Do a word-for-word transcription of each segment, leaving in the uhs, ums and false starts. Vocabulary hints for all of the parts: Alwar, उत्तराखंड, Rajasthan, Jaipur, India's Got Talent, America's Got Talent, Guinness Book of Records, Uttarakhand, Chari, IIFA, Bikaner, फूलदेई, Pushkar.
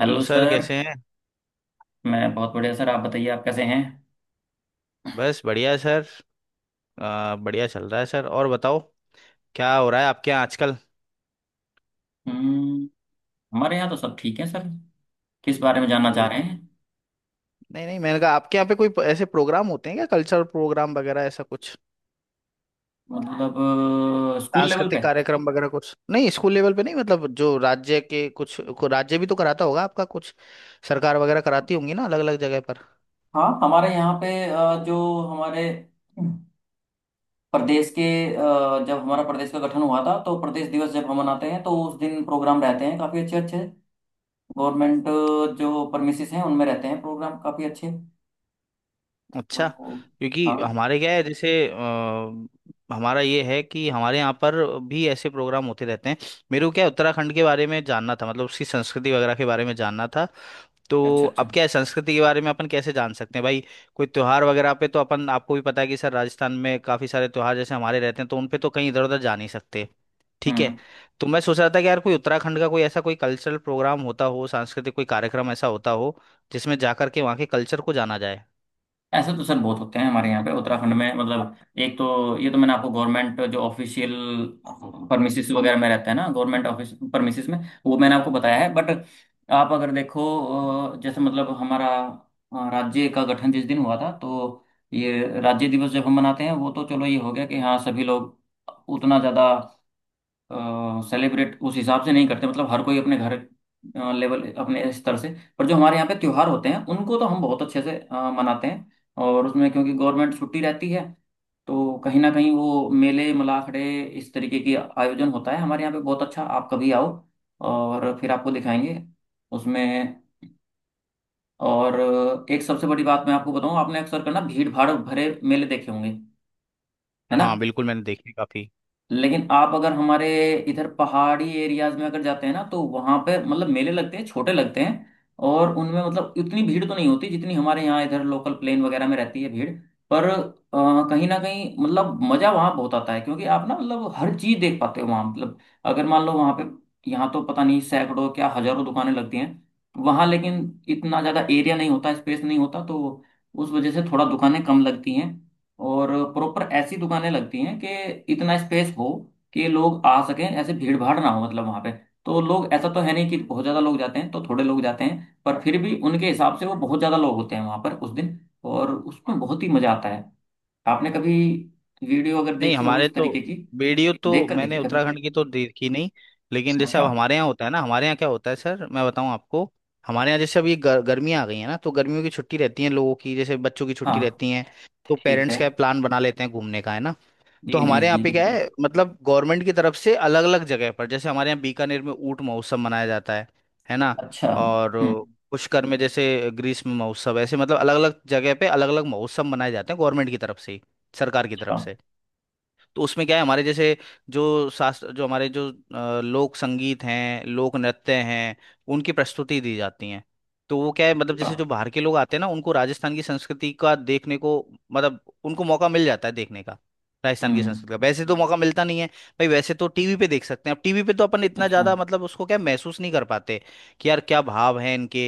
Hello sir sir. कैसे हैं। मैं बहुत बढ़िया सर। आप बताइए, आप कैसे हैं? बस बढ़िया सर। आ, बढ़िया चल रहा है सर और बताओ। क्या हो रहा है आपके यहाँ आजकल। हम्म। हमारे यहाँ तो सब ठीक है सर। किस बारे में जानना चाह बढ़िया रहे है। हैं? नहीं नहीं मैंने कहा आपके यहाँ पे कोई ऐसे प्रोग्राम होते हैं क्या कल्चरल प्रोग्राम वगैरह ऐसा कुछ। मतलब अ, स्कूल लेवल पे। सांस्कृतिक कार्यक्रम वगैरह कुछ नहीं स्कूल लेवल पे नहीं मतलब जो राज्य के कुछ को राज्य भी तो कराता होगा आपका कुछ सरकार वगैरह कराती होंगी ना अलग अलग जगह पर। हाँ, हमारे यहाँ पे अ, जो हमारे प्रदेश के अ, जब हमारा प्रदेश का गठन हुआ था तो प्रदेश दिवस जब हम मनाते हैं तो उस दिन प्रोग्राम रहते हैं काफ़ी अच्छे अच्छे। गवर्नमेंट जो परमिसेस हैं उनमें रहते हैं प्रोग्राम काफ़ी अच्छे। अच्छा। तो। क्योंकि हाँ। हमारे क्या है जैसे अ, हमारा ये है कि हमारे यहाँ पर भी ऐसे प्रोग्राम होते रहते हैं। मेरे को क्या है, उत्तराखंड के बारे में जानना था मतलब उसकी संस्कृति वगैरह के बारे में जानना था। तो अच्छा, अब अच्छा। क्या है संस्कृति के बारे में अपन कैसे जान सकते हैं भाई। कोई त्योहार वगैरह पे तो अपन आपको भी पता है कि सर राजस्थान में काफ़ी सारे त्योहार जैसे हमारे रहते हैं तो उन पे तो कहीं इधर उधर जा नहीं सकते। ठीक है। हम्म। तो मैं सोच रहा था कि यार कोई उत्तराखंड का कोई ऐसा कोई कल्चरल प्रोग्राम होता हो सांस्कृतिक कोई कार्यक्रम ऐसा होता हो जिसमें जाकर के वहाँ के कल्चर को जाना जाए। ऐसे तो सर बहुत होते हैं हमारे यहाँ पे उत्तराखंड में। मतलब एक तो ये तो मैंने आपको गवर्नमेंट जो ऑफिशियल परमिसेस वगैरह में रहता है ना, गवर्नमेंट ऑफिस परमिसेस में, वो मैंने आपको बताया है। बट आप अगर देखो अ, जैसे मतलब हमारा अ, राज्य का गठन जिस दिन हुआ था, तो ये राज्य दिवस जब हम मनाते हैं वो तो चलो ये हो गया कि हाँ सभी लोग उतना ज़्यादा सेलिब्रेट उस हिसाब से नहीं करते। मतलब हर कोई अपने घर लेवल, अपने स्तर से। पर जो हमारे यहाँ पे त्योहार होते हैं उनको तो हम बहुत अच्छे से अ, मनाते हैं। और उसमें क्योंकि गवर्नमेंट छुट्टी रहती है तो कहीं ना कहीं वो मेले मलाखड़े, इस तरीके की आयोजन होता है हमारे यहाँ पे बहुत अच्छा। आप कभी आओ और फिर आपको दिखाएंगे उसमें। और एक सबसे बड़ी बात मैं आपको बताऊं, आपने अक्सर करना भीड़ भाड़ भरे मेले देखे होंगे, है ना? हाँ बिल्कुल मैंने देखी काफी। लेकिन आप अगर हमारे इधर पहाड़ी एरियाज में अगर जाते हैं ना तो वहां पे मतलब मेले लगते हैं, छोटे लगते हैं। और उनमें मतलब इतनी भीड़ तो नहीं होती जितनी हमारे यहाँ इधर लोकल प्लेन वगैरह में रहती है भीड़। पर अ, कहीं ना कहीं मतलब मजा वहाँ बहुत आता है, क्योंकि आप ना मतलब हर चीज देख पाते हो वहाँ। मतलब अगर मान लो वहाँ पे, यहाँ तो पता नहीं सैकड़ों क्या हजारों दुकानें लगती हैं, वहाँ लेकिन इतना ज्यादा एरिया नहीं होता, स्पेस नहीं होता, तो उस वजह से थोड़ा दुकानें कम लगती हैं। और प्रॉपर ऐसी दुकानें लगती हैं कि इतना स्पेस हो कि लोग आ सकें, ऐसे भीड़ भाड़ ना हो मतलब वहां पे। तो लोग ऐसा तो है नहीं कि बहुत ज्यादा लोग जाते हैं, तो थोड़े लोग जाते हैं पर फिर भी उनके हिसाब से वो बहुत ज्यादा लोग होते हैं वहां पर उस दिन। और उसमें बहुत ही मजा आता है। आपने कभी वीडियो अगर नहीं देखी हो हमारे इस तो तरीके की? वीडियो तो देख कर देखी मैंने कभी। उत्तराखंड की तो देखी नहीं। लेकिन जैसे अब अच्छा। हमारे यहाँ होता है ना हमारे यहाँ क्या होता है सर मैं बताऊँ आपको। हमारे यहाँ जैसे अब ये गर, गर्मियाँ आ गई है ना तो गर्मियों की छुट्टी रहती है लोगों की जैसे बच्चों की छुट्टी हाँ, रहती है। तो ठीक पेरेंट्स है। क्या प्लान बना लेते हैं घूमने का है ना। जी तो जी हमारे जी यहाँ जी, पे क्या बिल्कुल। है मतलब गवर्नमेंट की तरफ से अलग अलग जगह पर जैसे हमारे यहाँ बीकानेर में ऊंट महोत्सव मनाया जाता है है ना। अच्छा। और हम्म। पुष्कर में जैसे ग्रीष्म महोत्सव ऐसे मतलब अलग अलग जगह पे अलग अलग महोत्सव मनाए जाते हैं गवर्नमेंट की तरफ से ही सरकार की अच्छा, तरफ से। तो उसमें क्या है हमारे जैसे जो शास्त्र जो हमारे जो अ, लोक संगीत हैं लोक नृत्य हैं उनकी प्रस्तुति दी जाती है। तो वो क्या है मतलब अच्छा। जैसे जो बाहर के लोग आते हैं ना उनको राजस्थान की संस्कृति का देखने को मतलब उनको मौका मिल जाता है देखने का। राजस्थान की हम्म। संस्कृति का वैसे तो मौका मिलता नहीं है। भाई वैसे तो टीवी पे देख सकते हैं अब टीवी पे तो अपन इतना अच्छा। ज्यादा मतलब उसको क्या महसूस नहीं कर पाते कि यार क्या भाव है इनके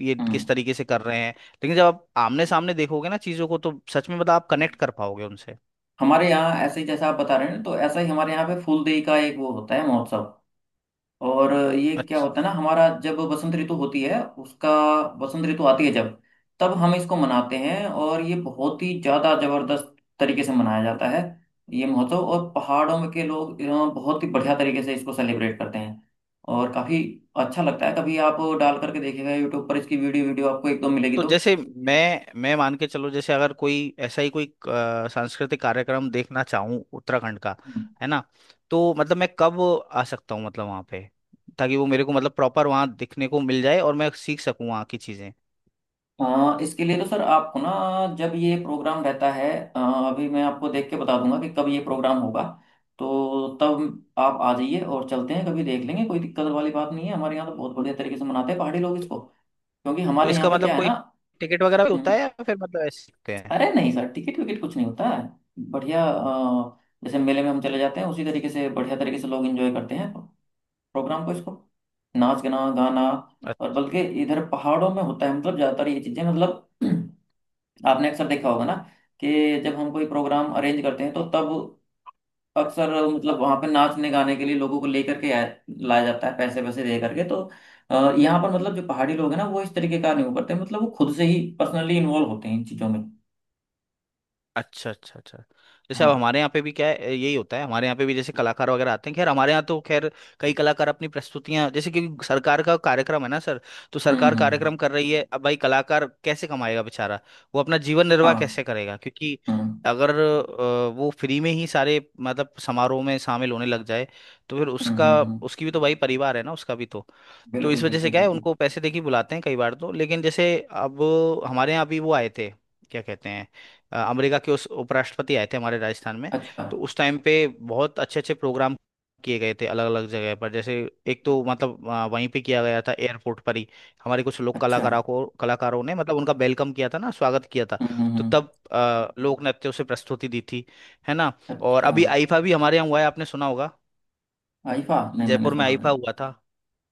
ये किस हम्म। तरीके से कर रहे हैं लेकिन जब आप आमने सामने देखोगे ना चीजों को तो सच में मतलब आप कनेक्ट कर पाओगे उनसे। हमारे यहाँ ऐसे ही जैसा आप बता रहे हैं ना, तो ऐसा ही हमारे यहाँ पे फूलदेई का एक वो होता है महोत्सव। और ये क्या होता है ना, हमारा जब बसंत ऋतु होती है उसका, बसंत ऋतु आती है जब, तब हम इसको मनाते हैं और ये बहुत ही ज्यादा जबरदस्त तरीके से मनाया जाता है ये महोत्सव। और पहाड़ों में के लोग अ, बहुत ही बढ़िया तरीके से इसको सेलिब्रेट करते हैं और काफी अच्छा लगता है। कभी आप डाल करके देखिएगा यूट्यूब पर इसकी वीडियो, वीडियो आपको एक दो मिलेगी तो तो। जैसे मैं मैं मान के चलो जैसे अगर कोई ऐसा ही कोई अ, सांस्कृतिक कार्यक्रम देखना चाहूँ उत्तराखंड का है ना। तो मतलब मैं कब आ सकता हूँ मतलब वहाँ पे ताकि वो मेरे को मतलब प्रॉपर वहाँ दिखने को मिल जाए और मैं सीख सकूँ वहाँ की चीज़ें। हाँ, इसके लिए तो सर आपको ना, जब ये प्रोग्राम रहता है अ, अभी मैं आपको देख के बता दूंगा कि कब ये प्रोग्राम होगा, तो तब आप आ जाइए और चलते हैं कभी देख लेंगे। कोई दिक्कत वाली बात नहीं है। हमारे यहाँ तो बहुत बढ़िया तरीके से मनाते हैं पहाड़ी लोग इसको, क्योंकि तो हमारे यहाँ इसका पे मतलब क्या है कोई ना। टिकट वगैरह भी होता हम्म, है या फिर मतलब ऐसे ही होते हैं। अरे नहीं सर, टिकट विकट कुछ नहीं होता है। बढ़िया। अ, जैसे मेले में हम चले जाते हैं उसी तरीके से बढ़िया तरीके से लोग एंजॉय करते हैं प्रोग्राम को, इसको। नाच गाना गाना। और बल्कि इधर पहाड़ों में होता है मतलब ज़्यादातर ये चीज़ें, मतलब आपने अक्सर देखा होगा ना कि जब हम कोई प्रोग्राम अरेंज करते हैं तो तब अक्सर मतलब वहां पे नाचने गाने के लिए लोगों को लेकर के आया- लाया जाता है पैसे वैसे दे करके, तो अ, यहाँ पर मतलब जो पहाड़ी लोग हैं ना वो इस तरीके का नहीं करते, मतलब वो खुद से ही पर्सनली इन्वॉल्व होते हैं इन चीजों में। अच्छा अच्छा अच्छा। जैसे अब हाँ। हमारे यहाँ पे भी क्या है ए, यही होता है हमारे यहाँ पे भी जैसे कलाकार वगैरह आते हैं खैर हमारे यहाँ तो खैर कई कलाकार अपनी प्रस्तुतियां जैसे कि सरकार का कार्यक्रम है ना सर। तो हम्म सरकार हम्म हम्म। कार्यक्रम कर रही है अब भाई कलाकार कैसे कमाएगा बेचारा वो अपना जीवन निर्वाह कैसे हाँ। करेगा क्योंकि हम्म अगर अ, वो फ्री में ही सारे मतलब समारोह में शामिल होने लग जाए तो फिर हम्म उसका हम्म हम्म। उसकी भी तो भाई परिवार है ना उसका भी तो। तो बिल्कुल इस वजह बिल्कुल से क्या है बिल्कुल। उनको पैसे देके बुलाते हैं कई बार तो लेकिन जैसे अब हमारे यहाँ अभी वो आए थे क्या कहते हैं अ, अमेरिका के उस उपराष्ट्रपति आए थे हमारे राजस्थान में। अच्छा, तो उस टाइम पे बहुत अच्छे अच्छे प्रोग्राम किए गए थे अलग अलग जगह पर जैसे एक तो मतलब अ, वहीं पे किया गया था एयरपोर्ट पर ही हमारे कुछ लोग अच्छा। कलाकारों को कलाकारों ने मतलब उनका वेलकम किया था ना स्वागत किया था। हम्म हम्म तो हम्म। तब अ, लोक नृत्यों से प्रस्तुति दी थी है ना। और अच्छा। अभी आईफा भी हमारे यहाँ हुआ है आपने सुना होगा। आईफा? नहीं, मैंने जयपुर में सुना आईफा नहीं। हुआ था।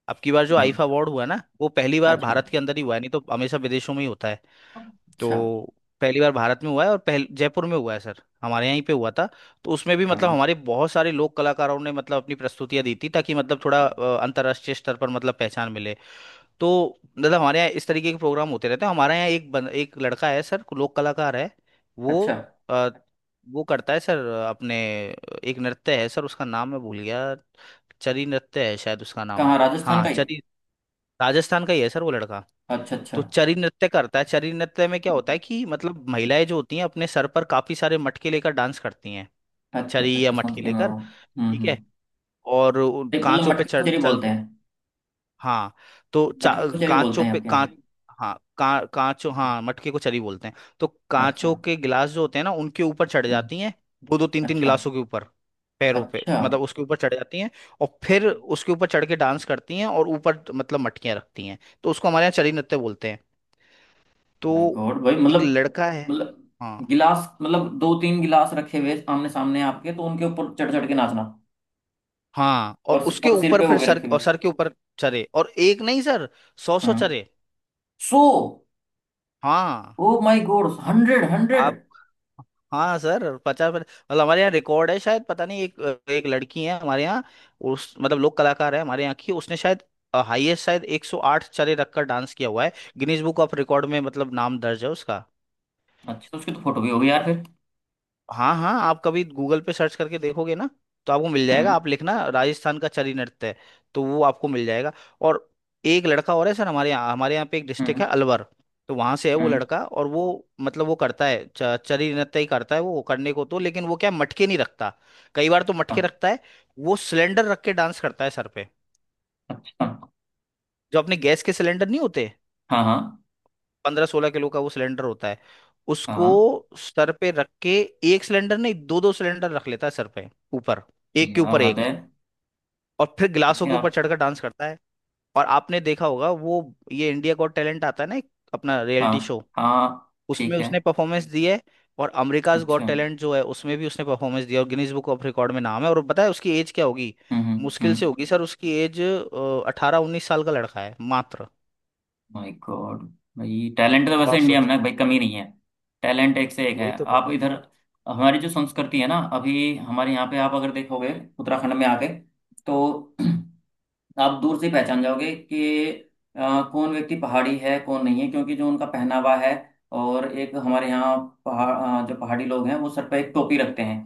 अब की बार जो नहीं। आईफा अवार्ड हुआ है ना वो पहली बार अच्छा, भारत के अंदर ही हुआ है नहीं तो हमेशा विदेशों में ही होता है। अच्छा। तो पहली बार भारत में हुआ है और पहल जयपुर में हुआ है सर हमारे यहीं पे हुआ था। तो उसमें भी मतलब बढ़िया। हमारे बहुत सारे लोक कलाकारों ने मतलब अपनी प्रस्तुतियां दी थी ताकि मतलब थोड़ा अ, अंतर्राष्ट्रीय स्तर पर मतलब पहचान मिले। तो मतलब हमारे यहाँ इस तरीके के प्रोग्राम होते रहते हैं हमारे यहाँ एक बन, एक लड़का है सर लोक कलाकार है वो अच्छा, अ, वो करता है सर अपने एक नृत्य है सर उसका नाम मैं भूल गया। चरी नृत्य है शायद उसका नाम। कहाँ? राजस्थान हाँ का ही? चरी राजस्थान का ही है सर वो लड़का। अच्छा, अच्छा, तो चरी नृत्य करता है चरी नृत्य में क्या होता है कि मतलब महिलाएं जो होती हैं अपने सर पर काफी सारे मटके लेकर डांस करती हैं। अच्छा। अच्छा, चरी या अच्छा, समझ मटके गया मैं लेकर। वो। हम्म ठीक है। हम्म। और उन नहीं, मतलब कांचों पे मटके को चढ़ चरी चल बोलते के हैं? हाँ तो मटके को चा- चरी बोलते कांचों हैं पे आपके कांच यहाँ? हाँ का, कांचों हाँ मटके को चरी बोलते हैं। तो अच्छा। कांचों के गिलास जो होते हैं ना उनके ऊपर चढ़ हम्म। जाती हैं दो दो तीन तीन अच्छा, गिलासों के ऊपर पैरों पे अच्छा। मतलब उसके ऊपर चढ़ जाती हैं। और फिर उसके ऊपर चढ़ के डांस करती हैं और ऊपर मतलब मटकियां रखती हैं तो उसको हमारे यहाँ चरी नृत्य बोलते हैं। तो माय गॉड भाई, एक मतलब लड़का है। मतलब हाँ गिलास, मतलब दो तीन गिलास रखे हुए आमने सामने आपके, तो उनके ऊपर चढ़ चढ़ के नाचना। हाँ और और सि- उसके और सिर ऊपर पे हो फिर गए सर रखे और हुए। सर के ऊपर चरे और एक नहीं सर सौ सौ हम्म। चरे। सो, हाँ ओ माय गॉड, अब हंड्रेड हंड्रेड! आप हाँ सर पचास मतलब हमारे यहाँ रिकॉर्ड है शायद पता नहीं एक एक लड़की है हमारे यहाँ उस मतलब लोक कलाकार है हमारे यहाँ की उसने शायद हाईएस्ट शायद एक सौ आठ चरे रखकर डांस किया हुआ है। गिनीज बुक ऑफ रिकॉर्ड में मतलब नाम दर्ज है उसका। अच्छा, तो उसकी तो फोटो भी होगी यार फिर। हाँ हाँ आप कभी गूगल पे सर्च करके देखोगे ना तो आपको मिल जाएगा हम्म आप लिखना राजस्थान का चरी नृत्य है तो वो आपको मिल जाएगा। और एक लड़का और है सर हमारे यहाँ हमारे यहाँ पे एक डिस्ट्रिक्ट हम्म है अलवर। तो वहाँ से है वो हम्म। लड़का और वो मतलब वो करता है च- चरी नृत्य ही करता है वो करने को तो लेकिन वो क्या मटके नहीं रखता कई बार तो मटके अ- रखता है। वो सिलेंडर रख के डांस करता है सर पे अच्छा। जो अपने गैस के सिलेंडर नहीं होते हाँ हाँ पंद्रह सोलह किलो का वो सिलेंडर होता है उसको हाँ, सर पे रख के एक सिलेंडर नहीं दो दो सिलेंडर रख लेता है सर पे ऊपर एक के यार ऊपर हद एक। है। और फिर गिलासों अभी के ऊपर आप... चढ़कर डांस करता है और आपने देखा होगा वो ये इंडिया गॉट टैलेंट आता है ना एक अपना रियलिटी हाँ शो हाँ, उसमें ठीक है। उसने परफॉर्मेंस दी है। और अमेरिकाज अच्छा। गॉट हम्म टैलेंट जो है उसमें भी उसने परफॉर्मेंस दिया और गिनीज बुक ऑफ रिकॉर्ड में नाम है और पता है उसकी एज क्या होगी। हम्म मुश्किल से हम्म। होगी सर उसकी एज अठारह उन्नीस साल का लड़का है मात्र। My god. भाई टैलेंट तो अब वैसे आप इंडिया में ना सोचो भाई कमी नहीं है। टैलेंट एक से एक है। वही तो कह रहा आप हूँ। इधर, हमारी जो संस्कृति है ना, अभी हमारे यहाँ पे आप अगर देखोगे उत्तराखंड में आके तो आप दूर से ही पहचान जाओगे कि अ, कौन व्यक्ति पहाड़ी है, कौन नहीं है, क्योंकि जो उनका पहनावा है। और एक हमारे यहाँ पहाड़ अ, जो पहाड़ी लोग हैं वो सर पे एक टोपी रखते हैं,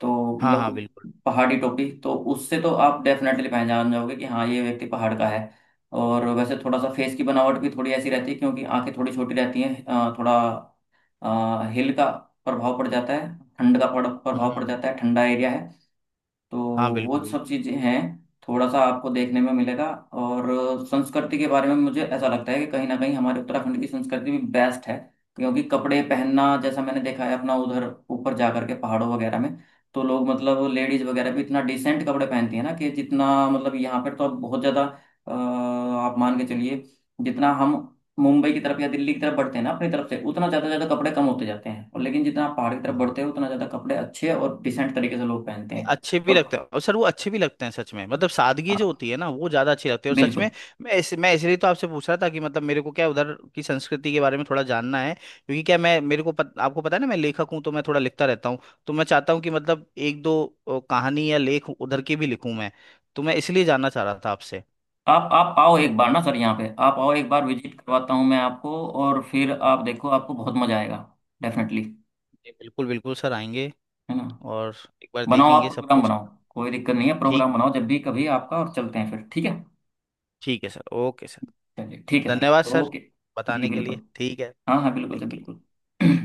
तो हाँ मतलब हाँ वो बिल्कुल पहाड़ी टोपी तो उससे तो आप डेफिनेटली पहचान जाओगे कि हाँ ये व्यक्ति पहाड़ का है। और वैसे थोड़ा सा फेस की बनावट भी थोड़ी ऐसी रहती है, क्योंकि आंखें थोड़ी छोटी रहती हैं। अ, थोड़ा हिल का प्रभाव पड़ जाता है, ठंड का पड़- प्रभाव पड़ हम्म जाता है, ठंडा एरिया है। तो हाँ बिल्कुल वो सब बिल्कुल चीज़ें हैं, थोड़ा सा आपको देखने में मिलेगा। और संस्कृति के बारे में मुझे ऐसा लगता है कि कहीं ना कहीं हमारे उत्तराखंड की संस्कृति भी बेस्ट है, क्योंकि कपड़े पहनना जैसा मैंने देखा है अपना उधर ऊपर जाकर के पहाड़ों वगैरह में, तो लोग मतलब लेडीज वगैरह भी इतना डिसेंट कपड़े पहनती है ना, कि जितना मतलब यहाँ पर तो अब बहुत ज़्यादा। अ, आप मान के चलिए, जितना हम मुंबई की तरफ या दिल्ली की तरफ बढ़ते हैं ना अपनी तरफ से, उतना ज़्यादा ज़्यादा कपड़े कम होते जाते हैं। और लेकिन जितना आप पहाड़ की तरफ हाँ बढ़ते हो उतना ज़्यादा कपड़े अच्छे और डिसेंट तरीके से लोग पहनते नहीं हैं। अच्छे भी लगते और हैं और सर वो अच्छे भी लगते हैं सच में मतलब सादगी जो हाँ, होती है ना वो ज्यादा अच्छी लगती है और सच बिल्कुल। में। मैं इस, मैं इसलिए तो आपसे पूछ रहा था कि मतलब मेरे को क्या उधर की संस्कृति के बारे में थोड़ा जानना है क्योंकि क्या मैं मेरे को पत, आपको पता है ना मैं लेखक हूँ तो मैं थोड़ा लिखता रहता हूँ। तो मैं चाहता हूँ कि मतलब एक दो अ, कहानी या लेख उधर की भी लिखूँ मैं। तो मैं इसलिए जानना चाह रहा था आपसे। आप आप आओ तो एक आप-। बार ना सर, यहाँ पे आप आओ एक बार, विजिट करवाता हूँ मैं आपको। और फिर आप देखो, आपको बहुत मजा आएगा डेफिनेटली, जी, बिल्कुल बिल्कुल सर आएंगे। है ना? और एक बार बनाओ, आप देखेंगे सब प्रोग्राम कुछ। बनाओ, कोई दिक्कत नहीं है, प्रोग्राम ठीक बनाओ जब भी कभी आपका और चलते हैं फिर, ठीक है? ठीक है सर ओके सर। चलिए, ठीक है सर। धन्यवाद सर ओके। जी बताने के लिए बिल्कुल। ठीक है। हाँ हाँ बिल्कुल सर, थैंक यू। बिल्कुल।